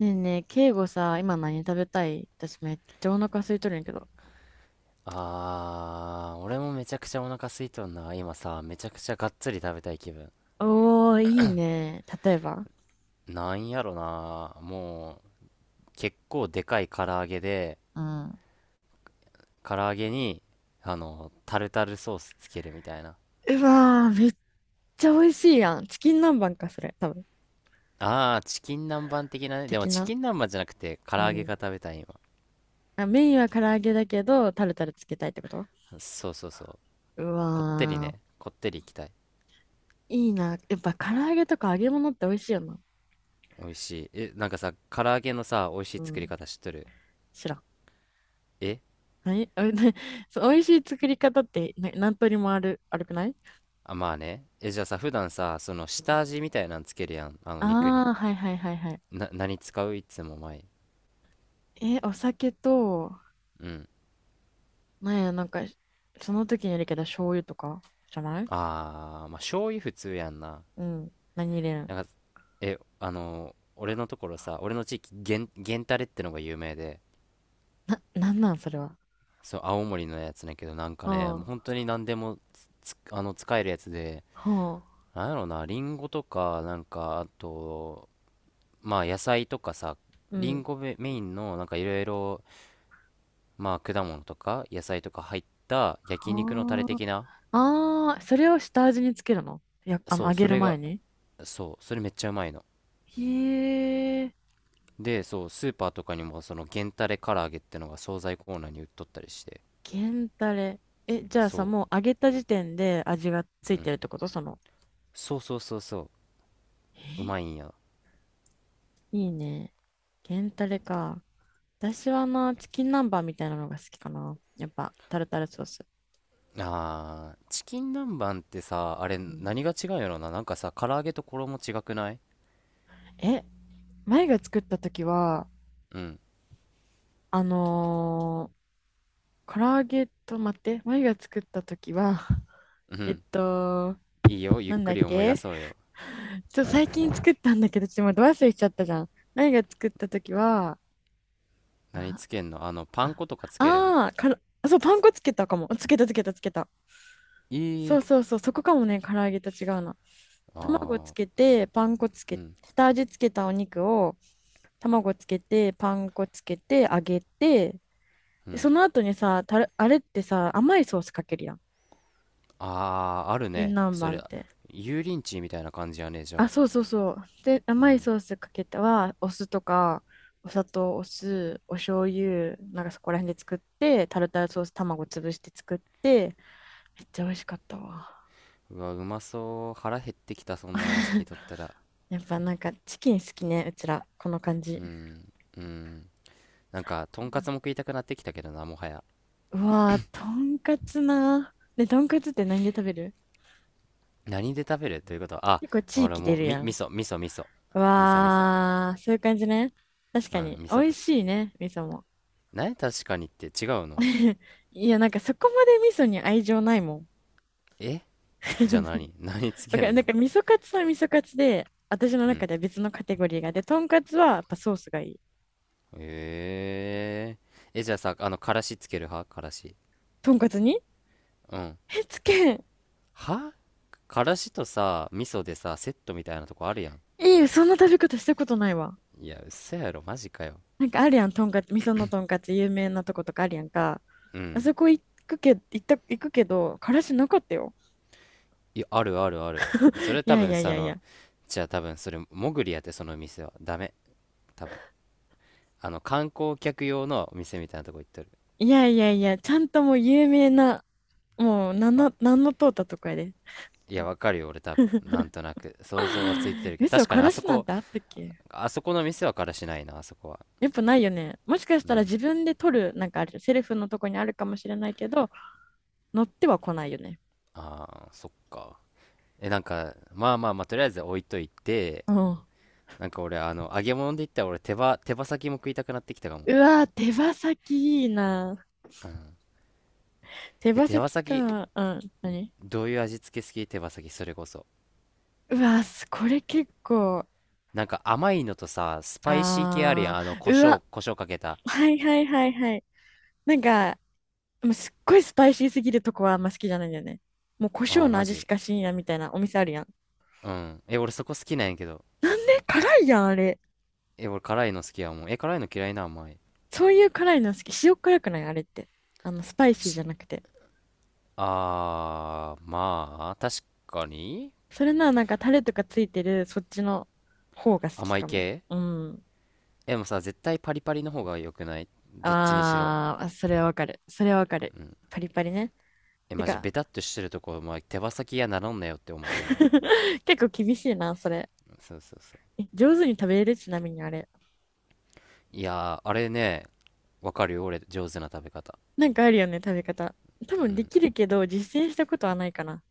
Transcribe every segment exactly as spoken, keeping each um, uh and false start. ねえねえ、敬語さ、今何食べたい？私めっちゃお腹空いとるんやけど。あー、俺もめちゃくちゃお腹空いとんな。今さ、めちゃくちゃがっつり食べたい気分。おー、いいね。例えば？なんやろな。もう、結構でかい唐揚げで、うん。唐揚げに、あの、タルタルソースつけるみたいな。うわー、めっちゃ美味しいやん。チキン南蛮か、それ。多分。あー、チキン南蛮的なね。でも的チな。キン南蛮じゃなくて、唐う揚げがん。食べたい今。あ、メインは唐揚げだけど、タルタルつけたいってこと？そうそうそう。うこってりわね。こってりいきたい。ー、いいな。やっぱ唐揚げとか揚げ物って美味しいよな。美味しい。え、なんかさ、唐揚げのさ、美味しいう作りん。方知っとる？知らん。え何おいな？ そう美味しい作り方ってな何通りもある、あるくない？あ、まあね。え、じゃあさ、普段さ、その下味みたいなのつけるやん。あの肉に。ああー、はいはいはいはい。な何使う、いつも前？え、お酒と、うん。なんや、なんか、その時によるけど、醤油とかじゃない？ああ、まあ醤油普通やんな。うん。何入れるん？なんか、えあのー俺のところさ、俺の地域、源源タレってのが有名で、な、なんなん、それは。そう、青森のやつだけど、なんかね、ほもうう。本当に何でも、あの、使えるやつで、ほなんやろな、リンゴとか、なんかあと、まあ野菜とかさ、う。うリンん。ゴメメインのなんかいろいろ、まあ果物とか野菜とか入った焼肉のタレは的な。あ。ああ、それを下味につけるの？いや、あの、そう、揚げそるれ前が、に？そう、それめっちゃうまいのへえ、で、そう、スーパーとかにもその原タレ唐揚げってのが惣菜コーナーに売っとったりして、源たれ。え、じゃあさ、そもう揚げた時点で味がう、つういてん。るってこと？その。そうそうそうそう、うえ、まいんや。いいね。源たれか。私はな、チキン南蛮みたいなのが好きかな。やっぱ、タルタルソース。あー、チキン南蛮ってさ、あれうん、何が違うんやろな。なんかさ、唐揚げと衣違くない？え、前が作った時は、うん、あのー、唐揚げと待って、前が作った時は、うえっん。と、いいよ、ゆっなんだくっり思い出け？そうよ。ちょ、最近作ったんだけど、ちょっと待って、忘れちゃったじゃん。前が作った時は、何あつけんの？あの、パン粉とかつけるん？あー、からあそう、パン粉つけたかも。つけたつけたつけた。いそい。うそうそう、そこかもね、唐揚げと違うな。あ卵つけー、て、パン粉つうけ、ん、下味つけたお肉を、卵つけて、パン粉つけて、揚げて、うで、そん。の後にさ、たれ、あれってさ、甘いソースかけるやん。あー、あチるキンね。南それ、蛮って。油淋鶏みたいな感じやね、じゃあ、あ。そうそうそう。で、う甘いん。ソースかけては、お酢とか、お砂糖、お酢、お醤油、なんかそこら辺で作って、タルタルソース卵潰して作って、めっちゃ美味しかったわ。うわ、うまそう。腹減ってきた、そんな話聞い とったら。やっぱなんかチキン好きね、うちら。この感じ。うん。なんか、とんかつも食いたくなってきたけどな、もはや。うわー、とんかつな。ね、とんかつって何で食べる？何で食べるということは、あ、結構地俺域出もう、るみ、や味ん。噌、味噌、味噌。味噌、味噌。わー、そういう感じね。確うかん、に。味美噌味カツ。しいね、味噌も。何確かにって違うの？ いや、なんかそこまで味噌に愛情ないもん。え、じゃあ 何何つわけかる。んなの？んか味噌カツは味噌カツで、私のう中ん。では別のカテゴリーが。で、とんかつはやっぱソースがいい。えー。え、じゃあさ、あの、からしつける派？からし。とんかつに？ うん。え、つけ、は、からしとさ、味噌でさ、セットみたいなとこあるやん。いい、そんな食べ方したことないわ。いや、嘘やろ、マジかよ。なんかあるやん、とんかつ、味噌のとんかつ有名なとことかあるやんか。うあん。そこ行くけ、行った、行くけど、からしなかったよ。いや、あるあるある。それい多やい分やいさ、あやいの、や。じゃあ多分それ、もぐりやって、その店は。ダメ。多分あの観光客用のお店みたいなとこ行っとる？いやいやいや、ちゃんともう有名な、もう、なんあ、の、なんの通ったとこやで。いやわかるよ、俺多分なんとなく想像はついて るけど、嘘、確かかにらあそしなんこ、てあったっけ？あそこの店はからしないな、あそこは。やっぱないよね。もしかしうたらん。自分で取る、なんかある、セルフのとこにあるかもしれないけど、乗っては来ないよね。ああー、そっか。え、なんか、まあまあまあ、とりあえず置いといて、うん。なんか俺あの揚げ物で言ったら、俺手羽手羽先も食いたくなってきたかも。うわー、手羽先いいな。うん。手え、羽手羽先先か。うん。何？どういう味付け好き？手羽先それこそ。うわー、すこれ結構。なんか甘いのとさ、スパイシー系あるやあん、あの胡ー。うわ、椒胡椒かけた。はいはいはいはい。なんか、もうすっごいスパイシーすぎるとこはあんま好きじゃないんだよね。もう胡あ椒あー、のマ味しジ？かしんやみたいなお店あるやん。うん。え、俺そこ好きなんやけど。なんで辛いやん、あれ。え、俺辛いの好きやもん。え、辛いの嫌いな？甘い。そういう辛いの好き？塩辛くないあれって。あの、スパイシーし、じゃなくて。あー、まあ、確かに。それならなんかタレとかついてる、そっちの方が好き甘いかも。系。うん。え、でもさ、絶対パリパリの方が良くない？どっちにしろ。あー、あそれはわかる。それはわかる。パリパリね。え、てマジ、ベか、タっとしてるとこ、まあ、手羽先やならんなよって思ってまう。結構厳しいな、それ。そうそうそう。え、上手に食べれる？ちなみにあれ。いやー、あれね、わかるよ、俺、上手な食べ方。なんかあるよね、食べ方。多分できるけど、実践したことはないかな。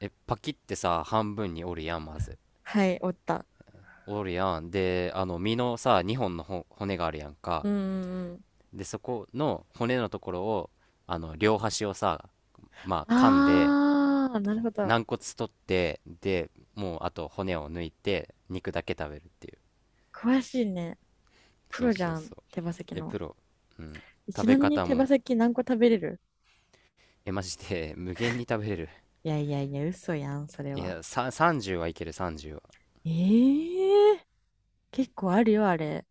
え、パキってさ、半分に折るやん、まず。はい、おった。折るやん。で、あの、身のさ、にほんのほ骨があるやんか。うんうんうん。で、そこの骨のところを、あの両端をさ、まあ噛んで、あー、なるほど。軟骨取って、でもうあと骨を抜いて肉だけ食べるっていう。詳しいね。プそうロじそうゃん、そう。手羽先え、の。プロ？うん。ち食べなみに方手羽も。先何個食べれる？え、マジで無限に食べれる。いやいやいや、嘘やん、それいは。やさ、さんじゅうはいける、さんじゅうは。ええ、結構あるよ、あれ。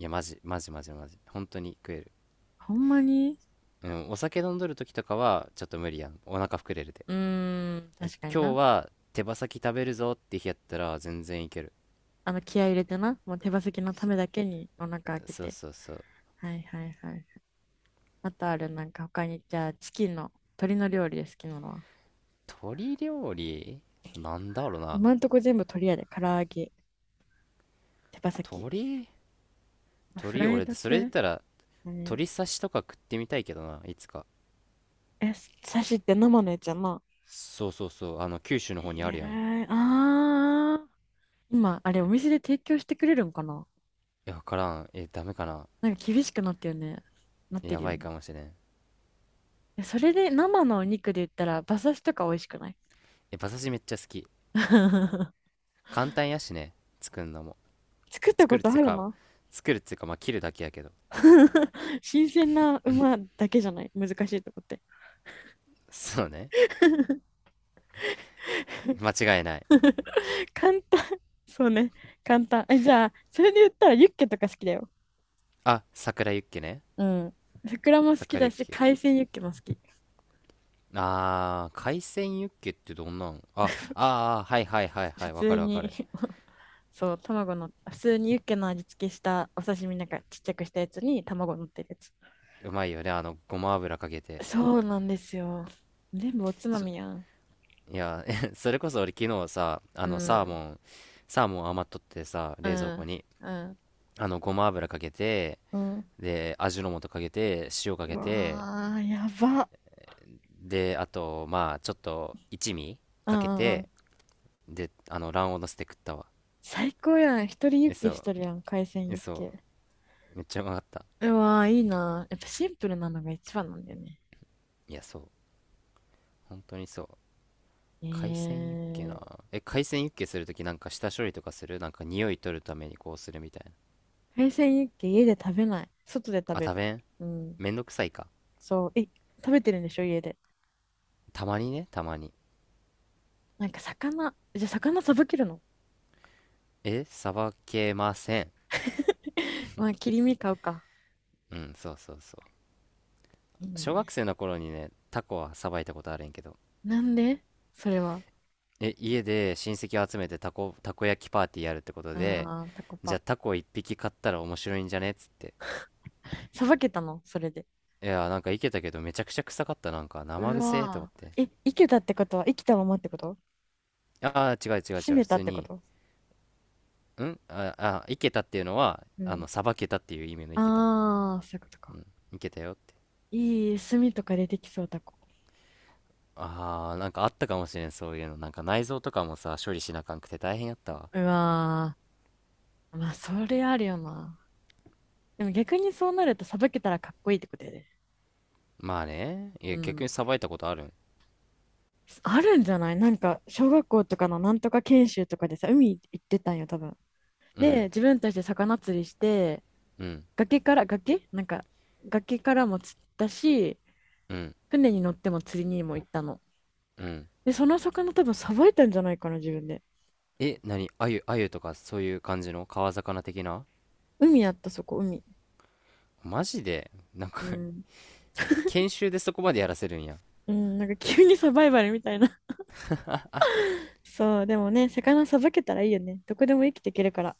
いやマジマジマジマジ、本当に食える。ほんまに？うん、お酒飲んどる時とかはちょっと無理やん、お腹膨れるで。うーん、え、確かに今な。日は手羽先食べるぞって日やったら全然いける。あの、気合い入れてな。もう手羽先のたそめだけにお腹開けそうて。そうそう。はいはいはい。あとある、なんか他に、じゃあ、チキンの、鶏の料理で好きなのは。鳥料理、なんだろうな。今んとこ全部鶏やで。唐揚げ、手羽先。鳥フ鳥ライ俺ドでそれで言っ系？たら、何？鳥刺しとか食ってみたいけどないつか。え、刺しって生のやつやな。そうそうそう。あの九州のえ方にあるやん。いえあー。今、あれ、お店で提供してくれるんかな？や、わからん。え、ダメかな。なんか厳しくなってるよね。なってやるよばいね。かもしれん。え、それで生のお肉で言ったら馬刺しとか美味しくない？ え、馬刺しめっちゃ好き。簡単やしね。作るのも。作った作こるっとつあうるか、な。 作るっつうか、まあ切るだけやけど。新鮮な馬だけじゃない？難しいとこって。 そうね。間違いない。簡単。そうね。簡単え、じゃあそれで言ったらユッケとか好きだよ。あ、桜ユッケね。うん、ふくらも好き桜だユッしケ。海鮮ユッケも好き。あー、海鮮ユッケってどんなん？あ、あー、はいはいはいは普い。わ通かるわかに、 る。そう、卵の、普通にユッケの味付けしたお刺身なんかちっちゃくしたやつに卵乗ってるやつ。うまいよね、あの、ごま油かけて。そうなんですよ。全部おつまそ、みやん。いや それこそ俺昨日さ、あうの、サーモん、ン、サーモン余っとってさ、う冷蔵庫ん、に、うん、あの、ごま油かけて、うん。で、味の素かけて、塩かうけて、わー、やば。で、あと、まあ、ちょっと一味うかけんうんうて、ん。で、あの、卵黄のせて食ったわ。最高やん。一人ユッえ、ケそしう、てるやん。海鮮え、ユッそケ。う、めっちゃうまかった。うわー、いいな。やっぱシンプルなのが一番なんだよね。いや、そう、本当にそう。え海鮮ユッケな。ー、え、海鮮ユッケするとき、なんか下処理とかする？なんか匂い取るためにこうするみたいな。海鮮ユッケ家で食べない。外で食あ、べ食る。べん？うん。めんどくさいか。そう。え、食べてるんでしょ家で。たまにね、たまに。なんか魚、じゃあ魚さばけるの？ え、さばけません。まあ、切り身買うか。うん、そうそうそいいう。小学ね。生の頃にね、タコはさばいたことあるんやけど。なんで？それは。え、家で親戚を集めてタコ、たこ焼きパーティーやるってことで、ああ、タコじゃパ。あタコ一匹買ったら面白いんじゃねっつって。さばけたのそれで？いやー、なんかいけたけど、めちゃくちゃ臭かった、なんか生う臭えと思っわて。ーえ、生けたってことは生きたままってこと？ああー、違う違う閉違う。め普たっ通てこに、と？んああ、いけたっていうのは、うあの、ん。さばけたっていう意味のいけた。ああ、そういうことうか。ん、いけたよって。いい炭とか出てきそうタコ。ああ、なんかあったかもしれん、そういうの。なんか内臓とかもさ、処理しなあかんくて大変やったわ。うわー。まあ、それあるよな。でも逆にそうなるとさばけたらかっこいいってことやで。まあね。いうや、逆にん。さばいたことあるん？あるんじゃない？なんか小学校とかのなんとか研修とかでさ海行ってたんよ多分。うでん、自分たちで魚釣りして、うん、崖から、崖なんか、崖からも釣ったし、うん、船に乗っても釣りにも行ったの。うん。で、その魚多分さばいたんじゃないかな、自分で。え、何あゆ、あゆとかそういう感じの川魚的な？海やった、そこ、海。マジで、なんか う ん。研修でそこまでやらせるんや。うん、なんか急にサバイバルみたいな。そう、でもね、魚さばけたらいいよね。どこでも生きていけるから。